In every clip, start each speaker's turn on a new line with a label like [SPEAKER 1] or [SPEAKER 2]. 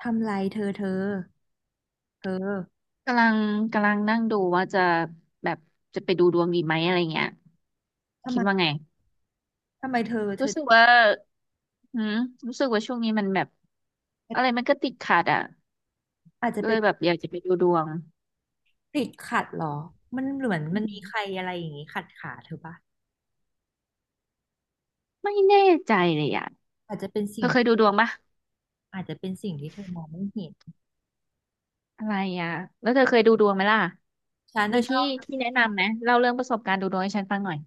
[SPEAKER 1] ทำไรเธอ
[SPEAKER 2] กำลังกำลังนั่งดูว่าจะแบบจะไปดูดวงดีไหมอะไรเงี้ย
[SPEAKER 1] ทำ
[SPEAKER 2] คิ
[SPEAKER 1] ไม
[SPEAKER 2] ดว่าไง
[SPEAKER 1] ทำไมเธอเธ
[SPEAKER 2] รู้
[SPEAKER 1] อ
[SPEAKER 2] สึกว่าหืมรู้สึกว่าช่วงนี้มันแบบอะไรมันก็ติดขัดอ่ะ
[SPEAKER 1] อาจจะ
[SPEAKER 2] ก็เล
[SPEAKER 1] เป็น
[SPEAKER 2] ยแบบอยากจะไปดูดวง
[SPEAKER 1] ติดขัดเหรอมันเหมือน
[SPEAKER 2] อื
[SPEAKER 1] มัน
[SPEAKER 2] ม
[SPEAKER 1] มีใครอะไรอย่างงี้ขัดขาเธอปะ
[SPEAKER 2] ไม่แน่ใจเลยอ่ะ
[SPEAKER 1] อาจจะเป็น
[SPEAKER 2] เธ
[SPEAKER 1] สิ่
[SPEAKER 2] อ
[SPEAKER 1] ง
[SPEAKER 2] เคยดูดวงปะ
[SPEAKER 1] อาจจะเป็นสิ่งที่เธอมองไม่เห็น
[SPEAKER 2] อะไรอ่ะแล้วเธอเคยดูดวงไหมล่ะ
[SPEAKER 1] ฉัน
[SPEAKER 2] มี
[SPEAKER 1] น่ะชอ
[SPEAKER 2] ที่
[SPEAKER 1] บ
[SPEAKER 2] ที่แนะนำไหมเล่าเรื่องประสบการณ์ดูดวงให้ฉันฟังหน่อย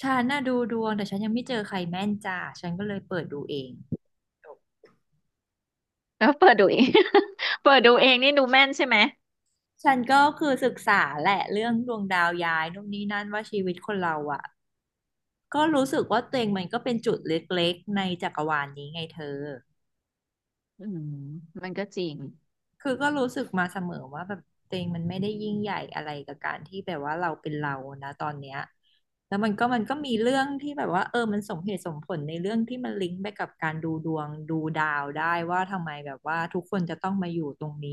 [SPEAKER 1] ฉันน่ะดูดวงแต่ฉันยังไม่เจอใครแม่นจ้าฉันก็เลยเปิดดูเอง
[SPEAKER 2] แล้วเปิดดูเอง เปิดดูเองนี่ดูแม่นใช่ไหม
[SPEAKER 1] ฉันก็คือศึกษาแหละเรื่องดวงดาวย้ายนู่นนี่นั่นว่าชีวิตคนเราอ่ะก็รู้สึกว่าตัวเองมันก็เป็นจุดเล็กๆในจักรวาลนี้ไงเธอ
[SPEAKER 2] อืมมันก็จริง
[SPEAKER 1] คือก็รู้สึกมาเสมอว่าแบบตัวเองมันไม่ได้ยิ่งใหญ่อะไรกับการที่แบบว่าเราเป็นเรานะตอนเนี้ยแล้วมันก็มีเรื่องที่แบบว่าเออมันสมเหตุสมผลในเรื่องที่มันลิงก์ไปกับการดูดวงดูดาวได้ว่าทำไมแบบว่าทุกคนจะต้องมาอยู่ตรงนี้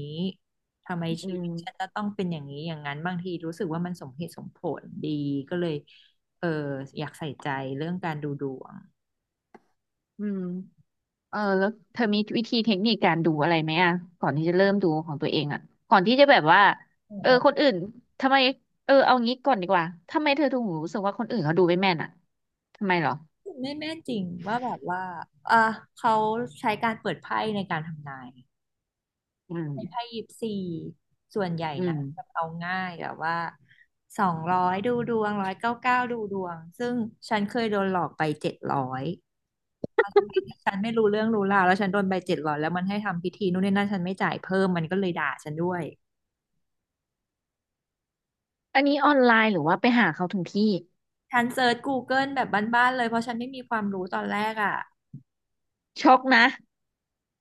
[SPEAKER 1] ทำไม
[SPEAKER 2] อื
[SPEAKER 1] ชีวิตฉัน
[SPEAKER 2] ม
[SPEAKER 1] จะต้องเป็นอย่างนี้อย่างนั้นบางทีรู้สึกว่ามันสมเหตุสมผลดีก็เลยเอออยากใส่ใจเรื่องการดูดวง
[SPEAKER 2] อืม เออแล้วเธอมีวิธีเทคนิคการดูอะไรไหมอ่ะก่อนที่จะเริ่มดูของตัวเองอ่ะก่อนที่จะแบบว่าเออคนอื่นทำไมเออเอางี้ก่อนดีกว่าทำไมเธอถึงรู้สึกว่าคนอื่นเขาดูไม่แม่นอ่ะทำไมเหรอ
[SPEAKER 1] ไม่แม่นจริงว่าแบบว่าอ่ะเขาใช้การเปิดไพ่ในการทำนาย
[SPEAKER 2] อืม
[SPEAKER 1] 24ส่วนใหญ่
[SPEAKER 2] อื
[SPEAKER 1] นะ
[SPEAKER 2] ม
[SPEAKER 1] แบบเอาง่ายแบบว่า200ดูดวง199ดูดวงซึ่งฉันเคยโดนหลอกไปเจ็ดร้อยสมัยที่ฉันไม่รู้เรื่องรู้ราวแล้วฉันโดนไปเจ็ดร้อยแล้วมันให้ทำพิธีนู่นนี่นั่นฉันไม่จ่ายเพิ่มมันก็เลยด่าฉันด้วย
[SPEAKER 2] อันนี้ออนไลน์หรือว่าไปหาเขาถึงที่
[SPEAKER 1] ฉันเซิร์ช Google แบบบ้านๆเลยเพราะฉันไม่มีความรู้ตอนแรกอ่ะ
[SPEAKER 2] ช็อกนะ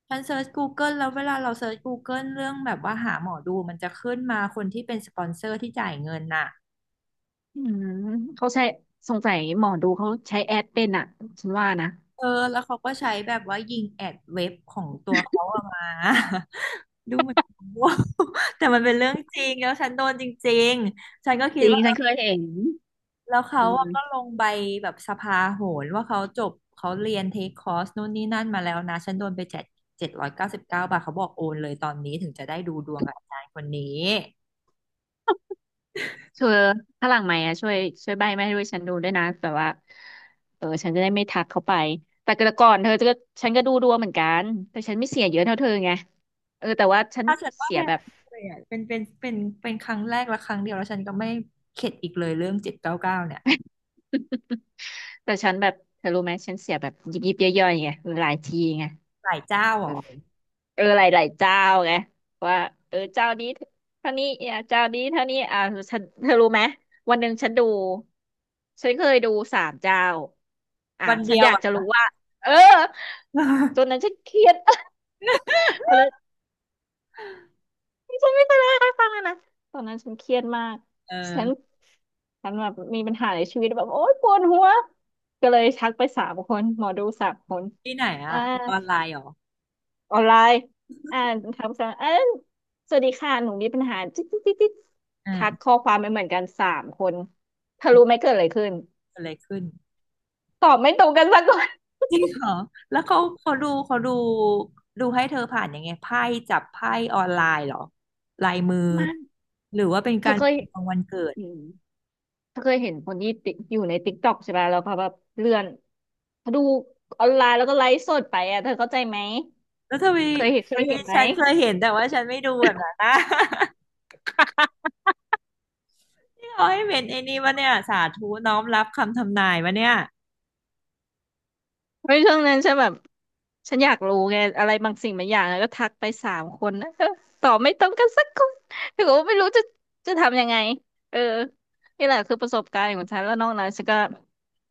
[SPEAKER 1] ฉันเซิร์ช Google แล้วเวลาเราเซิร์ช Google เรื่องแบบว่าหาหมอดูมันจะขึ้นมาคนที่เป็นสปอนเซอร์ที่จ่ายเงินน่ะ
[SPEAKER 2] อืมเขาใช้สงสัยหมอดูเขาใช้แอดเป็นอ่ะฉันว่านะ
[SPEAKER 1] เออ แล้วเขาก็ใช้แบบว่ายิงแอดเว็บของตัวเขาออกมา ดูเหมือนโง่ แต่มันเป็นเรื่องจริง แล้วฉันโดนจริงๆฉันก็คิ
[SPEAKER 2] จ
[SPEAKER 1] ด
[SPEAKER 2] ริง
[SPEAKER 1] ว่าเอ
[SPEAKER 2] ฉันเค
[SPEAKER 1] อ
[SPEAKER 2] ยเห็น
[SPEAKER 1] แล้วเขา
[SPEAKER 2] อื
[SPEAKER 1] อะก็
[SPEAKER 2] ม
[SPEAKER 1] ลงใบแบบสภาโหรว่าเขาจบเขาเรียนเทคคอร์สนู่นนี่นั่นมาแล้วนะฉันโดนไปเจ็ดร้อยเก้าสิบเก้าบาทเขาบอกโอนเลยตอนนี้ถึงจะได้ดูดวงกับอาจารย์คนนี้
[SPEAKER 2] เธอถ้าหลังไหมค์อ่ะช่วยช่วยใบ้ไม่ให้ด้วยฉันดูด้วยนะแบบว่าเออฉันจะได้ไม่ทักเขาไปแต่กก่อนเธอจะก็ฉันก็ดูดวงเหมือนกันแต่ฉันไม่เสียเยอะเท่าเธอไงเออแต่ว่าฉัน
[SPEAKER 1] ถ้าฉันว่า
[SPEAKER 2] เสี
[SPEAKER 1] แพ
[SPEAKER 2] ย
[SPEAKER 1] ง
[SPEAKER 2] แบบ
[SPEAKER 1] เลยอ่ะเป็นครั้งแรกและครั้งเดียวแล้วฉันก็ไม่เข็ดอีกเลยเรื่องเจ็ดเก้าเก้าเนี่ย
[SPEAKER 2] แต่ฉันแบบเธอรู้ไหมฉันเสียแบบยิบยิบย่อยๆไงหลายทีไง
[SPEAKER 1] หลายเจ้าเหร
[SPEAKER 2] เออ
[SPEAKER 1] อ
[SPEAKER 2] เออหลายหลายเจ้าไงว่าเออเจ้านี้เท่านี้อ่ะเจ้านี้เท่านี้อ่ะฉันเธอรู้ไหมวันหนึ่งฉันดูฉันเคยดูสามเจ้าอ่ะ
[SPEAKER 1] วัน
[SPEAKER 2] ฉั
[SPEAKER 1] เดี
[SPEAKER 2] น
[SPEAKER 1] ยว
[SPEAKER 2] อยากจะ
[SPEAKER 1] อ่ะ
[SPEAKER 2] รู้ว่าเออตอ นนั้นฉันเครียด พอเลยฉันไม่เคยเล่าให้ฟังเลยนะตอนนั้นฉันเครียดมาก
[SPEAKER 1] เออ
[SPEAKER 2] ฉันฉันแบบมีปัญหาในชีวิตแบบโอ๊ยปวดหัวก็เลยทักไปสามคนหมอดูสามคน
[SPEAKER 1] ที่ไหน
[SPEAKER 2] อ่า
[SPEAKER 1] อะออนไลน์เหรอ
[SPEAKER 2] ออนไลน์อ่านคำสั่เออสวัสดีค่ะ หนูมีปัญหาจิ๊ดจิ๊ดจิ๊ดจิ๊ดทัก
[SPEAKER 1] อ่า
[SPEAKER 2] ข้อความไปเหมือนกันสามคนเธอรู้ไหมเกิดอะไรขึ้น
[SPEAKER 1] เกิดอะไรขึ้น
[SPEAKER 2] ตอบไม่ตรงกันสักคน
[SPEAKER 1] จริงเหรอแล้วเขาดูให้เธอผ่านยังไงไพ่จับไพ่ออนไลน์เหรอลายมือ
[SPEAKER 2] มา
[SPEAKER 1] หรือว่าเป็น
[SPEAKER 2] เธ
[SPEAKER 1] กา
[SPEAKER 2] อ
[SPEAKER 1] ร
[SPEAKER 2] เคย
[SPEAKER 1] ของวันเกิด
[SPEAKER 2] อืมเธอเคยเห็นคนที่ติอยู่ในติ๊กต็อกใช่ไหม แล้วเขาแบบเลื่อนเขาดูออนไลน์แล้วก็ไลฟ์สดไปอ่ะเธอเข้าใจไหม
[SPEAKER 1] แล้วทำไม
[SPEAKER 2] เคยเห็นเค
[SPEAKER 1] เอ้
[SPEAKER 2] ย
[SPEAKER 1] ย
[SPEAKER 2] เห็นไหม
[SPEAKER 1] ฉันเคยเห็นแต่ว่าฉันไม่ดูแบบนั้นนะี่ เขาให้เป็นไอ้นี่วะเนี่ยสาธุน้อมรับคำทำนายวะเนี่ย
[SPEAKER 2] เฮ้ยช่วงนั้นฉันแบบฉันอยากรู้ไงอะไรบางสิ่งบางอย่างแล้วก็ทักไปสามคนนะเออตอบไม่ตรงกันสักคนแต่ก็ไม่รู้จะจะทำยังไงเออนี่แหละคือประสบการณ์ของฉันแล้วนอกนั้นฉันก็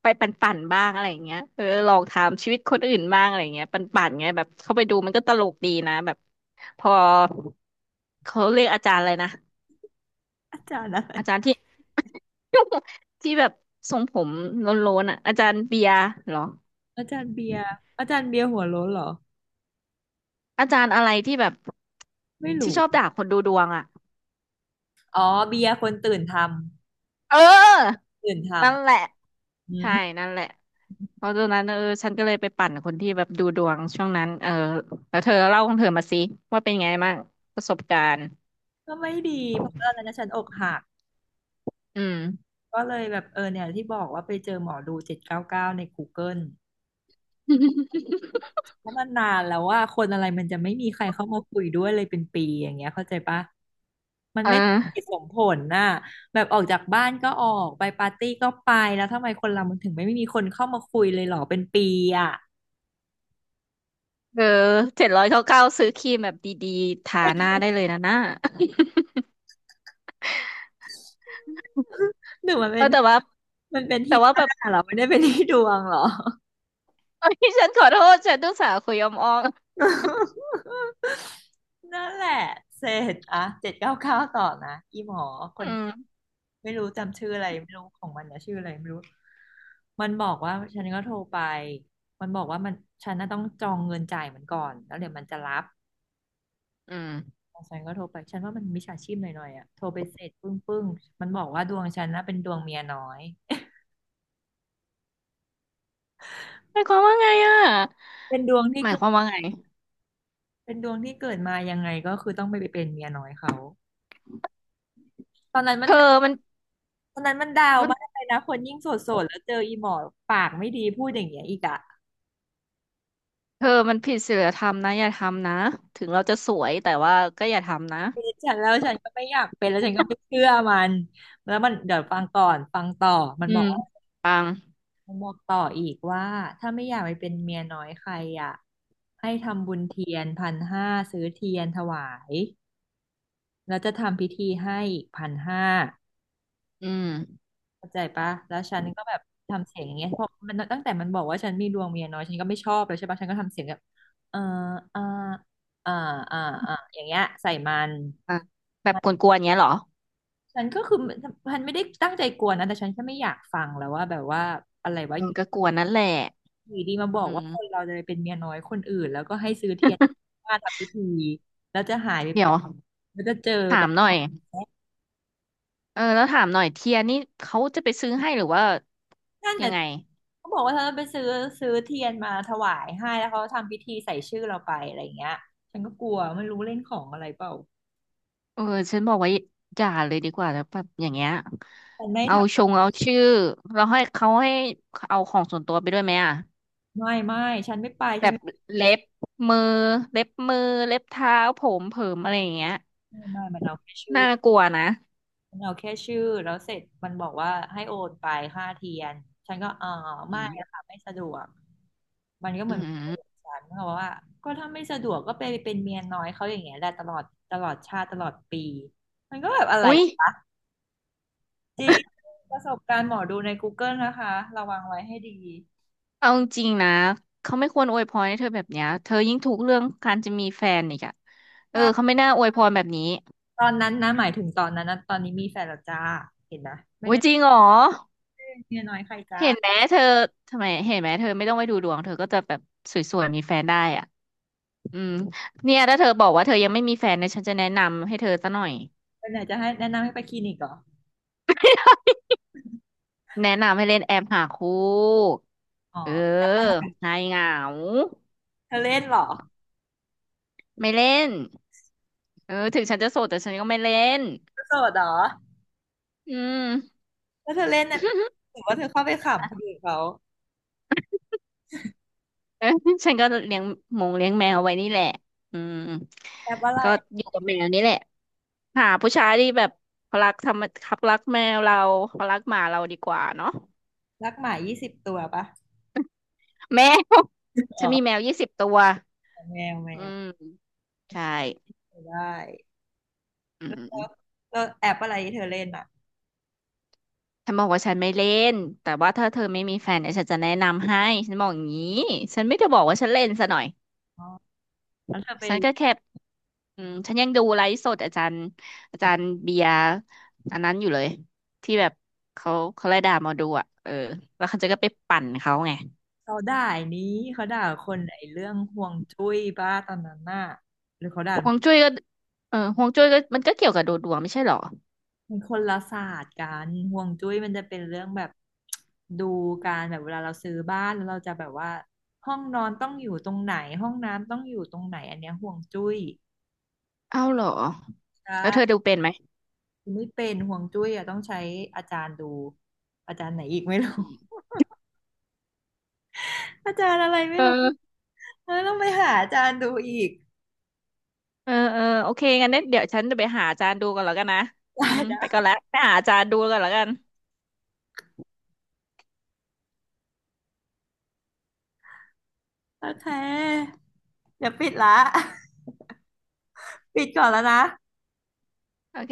[SPEAKER 2] ไปปั่นๆบ้างอะไรอย่างเงี้ยเออลองถามชีวิตคนอื่นบ้างอะไรอย่างเงี้ยปั่นๆไงแบบเข้าไปดูมันก็ตลกดีนะแบบพอเขาเรียกอาจารย์อะไรนะ
[SPEAKER 1] อาจารย์อะไร
[SPEAKER 2] อาจารย์ที่ ที่แบบทรงผมโล้นๆอ่ะอาจารย์เบียร์เหรอ
[SPEAKER 1] อาจารย์เบียร์อาจารย์เบียร์หัวโล้นเหรอ
[SPEAKER 2] อาจารย์อะไรที่แบบ
[SPEAKER 1] ไม่
[SPEAKER 2] ที่
[SPEAKER 1] รู้
[SPEAKER 2] ชอบด่าคนดูดวงอ่ะ
[SPEAKER 1] อ๋อเบียร์คนตื่นท
[SPEAKER 2] เออ
[SPEAKER 1] ำตื่นท
[SPEAKER 2] นั่นแหละ
[SPEAKER 1] ำอื
[SPEAKER 2] ใช่นั่นแหละเพราะตอนนั้นเออฉันก็เลยไปปั่นคนที่แบบดูดวงช่วงนั้นเออแล้วเธอเล่าของเธอมาสิว่าเป็นไงบ้างประสบการณ์
[SPEAKER 1] ก็ไม่ดีเพราะว่าตอนนั้นฉันอกหัก
[SPEAKER 2] อืม
[SPEAKER 1] ก็เลยแบบเออเนี่ยที่บอกว่าไปเจอหมอดูเจ็ดเก้าเก้าใน Google เกิลเพราะมันนานแล้วว่าคนอะไรมันจะไม่มีใครเข้ามาคุยด้วยเลยเป็นปีอย่างเงี้ยเข้าใจปะมัน
[SPEAKER 2] เอ
[SPEAKER 1] ไม่สมเหตุ
[SPEAKER 2] อ
[SPEAKER 1] สมผลน่ะแบบออกจากบ้านก็ออกไปปาร์ตี้ก็ไปแล้วทำไมคนเรามันถึงไม่มีคนเข้ามาคุยเลยเหรอเป็นปีอ่ะ
[SPEAKER 2] เออ799ซื้อครีมแบบดีๆทาหน้าได้เลยนะหน้า
[SPEAKER 1] หรือมัน เป็
[SPEAKER 2] เอ
[SPEAKER 1] น
[SPEAKER 2] อแต่ว่าแต่
[SPEAKER 1] ที่
[SPEAKER 2] ว่า
[SPEAKER 1] ห
[SPEAKER 2] แบ
[SPEAKER 1] น้า
[SPEAKER 2] บ
[SPEAKER 1] เหรอไม่ได้เป็นที่ดวงเหรอ
[SPEAKER 2] เอ้ยฉันขอโทษฉันต้องสาห์คุยอมออม
[SPEAKER 1] นั่นแหละเสร็จอ่ะเจ็ดเก้าเก้าต่อนะอีหมอคน
[SPEAKER 2] อืม
[SPEAKER 1] ไม่รู้จำชื่ออะไรไม่รู้ของมันนะชื่ออะไรไม่รู้มันบอกว่าฉันก็โทรไปมันบอกว่ามันฉันน่ะต้องจองเงินจ่ายมันก่อนแล้วเดี๋ยวมันจะรับ
[SPEAKER 2] อืม
[SPEAKER 1] ฉันก็โทรไปฉันว่ามันมิจฉาชีพหน่อยๆอ่ะโทรไปเสร็จปึ้งปึ้งมันบอกว่าดวงฉันน่ะเป็นดวงเมียน้อย
[SPEAKER 2] หมายความว่าไงอ่ะ
[SPEAKER 1] เป็นดวงที่
[SPEAKER 2] หมาย
[SPEAKER 1] เกิ
[SPEAKER 2] ค
[SPEAKER 1] ด
[SPEAKER 2] วามว่าไง
[SPEAKER 1] เป็นดวงที่เกิดมายังไงก็คือต้องไปเป็นเมียน้อยเขาตอนนั้นมั
[SPEAKER 2] เธ
[SPEAKER 1] น
[SPEAKER 2] อมัน
[SPEAKER 1] คนนั้นมันดาว
[SPEAKER 2] มัน
[SPEAKER 1] มากเลยนะคนยิ่งโสดๆแล้วเจออีหมอปากไม่ดีพูดอย่างเงี้ยอีกอะ
[SPEAKER 2] เธอมันผิดศีลธรรมนะอย่าทำนะถึงเราจะสวยแต่ว่าก็อย่าทำนะ
[SPEAKER 1] เป็นฉันแล้วฉันก็ไม่อยากเป็นแล้วฉันก็ไม่เชื่อมันแล้วมันเดี๋ยวฟังก่อนฟังต่อมัน
[SPEAKER 2] อื
[SPEAKER 1] บอก
[SPEAKER 2] ม
[SPEAKER 1] ว่า
[SPEAKER 2] ปัง
[SPEAKER 1] มันบอกต่ออีกว่าถ้าไม่อยากไปเป็นเมียน้อยใครอะให้ทำบุญเทียนพันห้าซื้อเทียนถวายแล้วจะทำพิธีให้อีกพันห้า
[SPEAKER 2] อืม
[SPEAKER 1] เข้าใจปะแล้วฉันก็แบบทำเสียงอย่างเงี้ยเพราะมันตั้งแต่มันบอกว่าฉันมีดวงเมียน้อยฉันก็ไม่ชอบเลยใช่ปะฉันก็ทำเสียงแบบเอออ่าอ่าอ่าอ่าอย่างเงี้ยใส่มัน
[SPEAKER 2] อ่ะแบบกวนๆเงี้ยเหรอ
[SPEAKER 1] ฉันก็คือฉันไม่ได้ตั้งใจกวนนะแต่ฉันแค่ไม่อยากฟังแล้วว่าแบบว่าอะไรว่า
[SPEAKER 2] เอ
[SPEAKER 1] อ
[SPEAKER 2] อ
[SPEAKER 1] ย
[SPEAKER 2] ก็กวนนั่นแหละ
[SPEAKER 1] ู่ดีมาบอก
[SPEAKER 2] อื
[SPEAKER 1] ว่า
[SPEAKER 2] ม
[SPEAKER 1] คนเราจะไปเป็นเมียน้อยคนอื่นแล้วก็ให้ซื้อเทียน มาทำพิธีแล้วจะหายไป
[SPEAKER 2] เดี๋ย
[SPEAKER 1] เป็
[SPEAKER 2] ว
[SPEAKER 1] นแล้วจะเจอแบ
[SPEAKER 2] ถา
[SPEAKER 1] บ
[SPEAKER 2] มหน่อยเออแล้วถามหน่อยเทียนี่เขาจะไปซื้อให้หรือว่า
[SPEAKER 1] นั่น
[SPEAKER 2] ยั
[SPEAKER 1] น่ะ
[SPEAKER 2] งไง
[SPEAKER 1] เขาบอกว่าเธอไปซื้อเทียนมาถวายให้แล้วเขาทำพิธีใส่ชื่อเราไปอะไรอย่างเงี้ยฉันก็กลัวไม่รู้เล่นของอะไรเปล่า
[SPEAKER 2] เออฉันบอกว่าอย่าเลยดีกว่าแล้วแบบอย่างเงี้ย
[SPEAKER 1] ฉันไม่ท
[SPEAKER 2] เอาชงเอาชื่อเราให้เขาให้เอาของส่วนตัวไปด้วยไหมอ่ะ
[SPEAKER 1] ำไม่ฉันไม่ไป
[SPEAKER 2] แบ
[SPEAKER 1] ฉัน
[SPEAKER 2] บ
[SPEAKER 1] ไม่
[SPEAKER 2] เล็บมือเล็บมือเล็บเท้าผมเผิมอะไรอย่างเงี้ย
[SPEAKER 1] ไม่ไม่มันเอาแค่ชื่อ
[SPEAKER 2] น่ากลัวนะ
[SPEAKER 1] มันเอาแค่ชื่อแล้วเสร็จมันบอกว่าให้โอนไปค่าเทียนฉันก็เออ
[SPEAKER 2] อื
[SPEAKER 1] ไม่
[SPEAKER 2] ม
[SPEAKER 1] อะค่ะไม่สะดวกมันก็เห
[SPEAKER 2] อื
[SPEAKER 1] มือน
[SPEAKER 2] ม
[SPEAKER 1] ฉันเขาบอกว่าก็ถ้าไม่สะดวกก็ไปเป็นเมียน้อยเขาอย่างเงี้ยแหละตลอดตลอดชาติตลอดปีมันก็แบบอะไร
[SPEAKER 2] อุ๊ย
[SPEAKER 1] จริงประสบการณ์หมอดูใน Google นะคะระวังไว้ให้ดี
[SPEAKER 2] เอาจริงๆนะเขาไม่ควรอวยพรให้เธอแบบเนี้ยเธอยิ่งทุกข์เรื่องการจะมีแฟนอีกอะเออเขา
[SPEAKER 1] ใช่
[SPEAKER 2] ไม่น่าอวยพรแบบนี้
[SPEAKER 1] ตอนนั้นนะหมายถึงตอนนั้นนะตอนนี้มีแฟนแล้วจ้าเห็นนะไม่
[SPEAKER 2] อุ๊ย
[SPEAKER 1] ได้
[SPEAKER 2] จริงเหรอ
[SPEAKER 1] เป็นเมียน้อยใครจ้า
[SPEAKER 2] เห็นไหมเธอทำไมเห็นไหมเธอไม่ต้องไปดูดวงเธอก็จะแบบสวยๆมีแฟนได้อ่ะอืมเนี่ยถ้าเธอบอกว่าเธอยังไม่มีแฟนเนี่ยฉันจะแนะนำให้เธอซะหน่อย
[SPEAKER 1] ไปไหนจะให้แนะนำให้ไปคลินิกเหรอ
[SPEAKER 2] แนะนำให้เล่นแอปหาคู่
[SPEAKER 1] อ๋อ
[SPEAKER 2] เออหายเหงา
[SPEAKER 1] เธอเล่นเหรอ
[SPEAKER 2] ไม่เล่นเออถึงฉันจะโสดแต่ฉันก็ไม่เล่น
[SPEAKER 1] เธอโสดเหรอ
[SPEAKER 2] อืม
[SPEAKER 1] แล้วเธอเล่นน่ะถือว่าเธอเข้าไปขำคนอื่นเขา
[SPEAKER 2] เออ ฉันก็เลี้ยงหมงเลี้ยงแมวไว้นี่แหละอืม
[SPEAKER 1] แอปอะไร
[SPEAKER 2] ก็อยู่กับแมวนี่แหละหาผู้ชายที่แบบเขารักทำเขารักแมวเราเขารักหมาเราดีกว่าเนาะ
[SPEAKER 1] รักหมา20ตัวปะ
[SPEAKER 2] แมว
[SPEAKER 1] อ ๋
[SPEAKER 2] ฉันมีแม
[SPEAKER 1] อ
[SPEAKER 2] ว20ตัว
[SPEAKER 1] แมวแม
[SPEAKER 2] อื
[SPEAKER 1] ว
[SPEAKER 2] มใช่
[SPEAKER 1] ได้
[SPEAKER 2] อื
[SPEAKER 1] แล้ว
[SPEAKER 2] ม
[SPEAKER 1] แล้วแอปอะไรที่เธอเล่นอ่ะ
[SPEAKER 2] ฉันบอกว่าฉันไม่เล่นแต่ว่าถ้าเธอไม่มีแฟนเนี่ยฉันจะแนะนำให้ฉันบอกอย่างนี้ฉันไม่ได้บอกว่าฉันเล่นซะหน่อย
[SPEAKER 1] อ๋อแล้วเธอไป
[SPEAKER 2] ฉันก็แค่อืมฉันยังดูไลฟ์สดอาจารย์อาจารย์เบียร์อันนั้นอยู่เลยที่แบบเขาเขาไล่ด่าหมอดูอ่ะเออแล้วเขาจะก็ไปปั่นเขาไง
[SPEAKER 1] เขาด่าย้นี้เขาด่าคนไอ้เรื่องห่วงจุ้ยบ้าตอนนั้นน่ะ
[SPEAKER 2] ฮวงจุ้ยก็เออฮวงจุ้ยก็มันก็เกี่ยวกับดูดวงไม่ใช่เหรอ
[SPEAKER 1] มันคนละศาสตร์กันห่วงจุ้ยมันจะเป็นเรื่องแบบดูการแบบเวลาเราซื้อบ้านแล้วเราจะแบบว่าห้องนอนต้องอยู่ตรงไหนห้องน้ำต้องอยู่ตรงไหนอันเนี้ยห่วงจุ้ย
[SPEAKER 2] เอ้าเหรอ
[SPEAKER 1] ใช
[SPEAKER 2] แล้วเธอดู
[SPEAKER 1] ่
[SPEAKER 2] เป็นไหม
[SPEAKER 1] ไม่เป็นห่วงจุ้ยอ่ะต้องใช้อาจารย์ดูอาจารย์ไหนอีกไม่รู้
[SPEAKER 2] อืม
[SPEAKER 1] อาจารย์อะไรไม่รู้
[SPEAKER 2] เออ
[SPEAKER 1] เออต้องไปหาอาจารย์ดูอีก
[SPEAKER 2] เออเออโอเคงั้นเดี๋ยวฉันจะไปหาอาจารย์ดูก่อนแล้วกันนะ อื
[SPEAKER 1] ได้
[SPEAKER 2] มไปก่อน
[SPEAKER 1] ไดะ
[SPEAKER 2] ละไปหาอาจารย์ดูก่อนแล้วกัน
[SPEAKER 1] โอเคเดี๋ยวปิดละ ปิดก่อนแล้วนะ
[SPEAKER 2] โอเค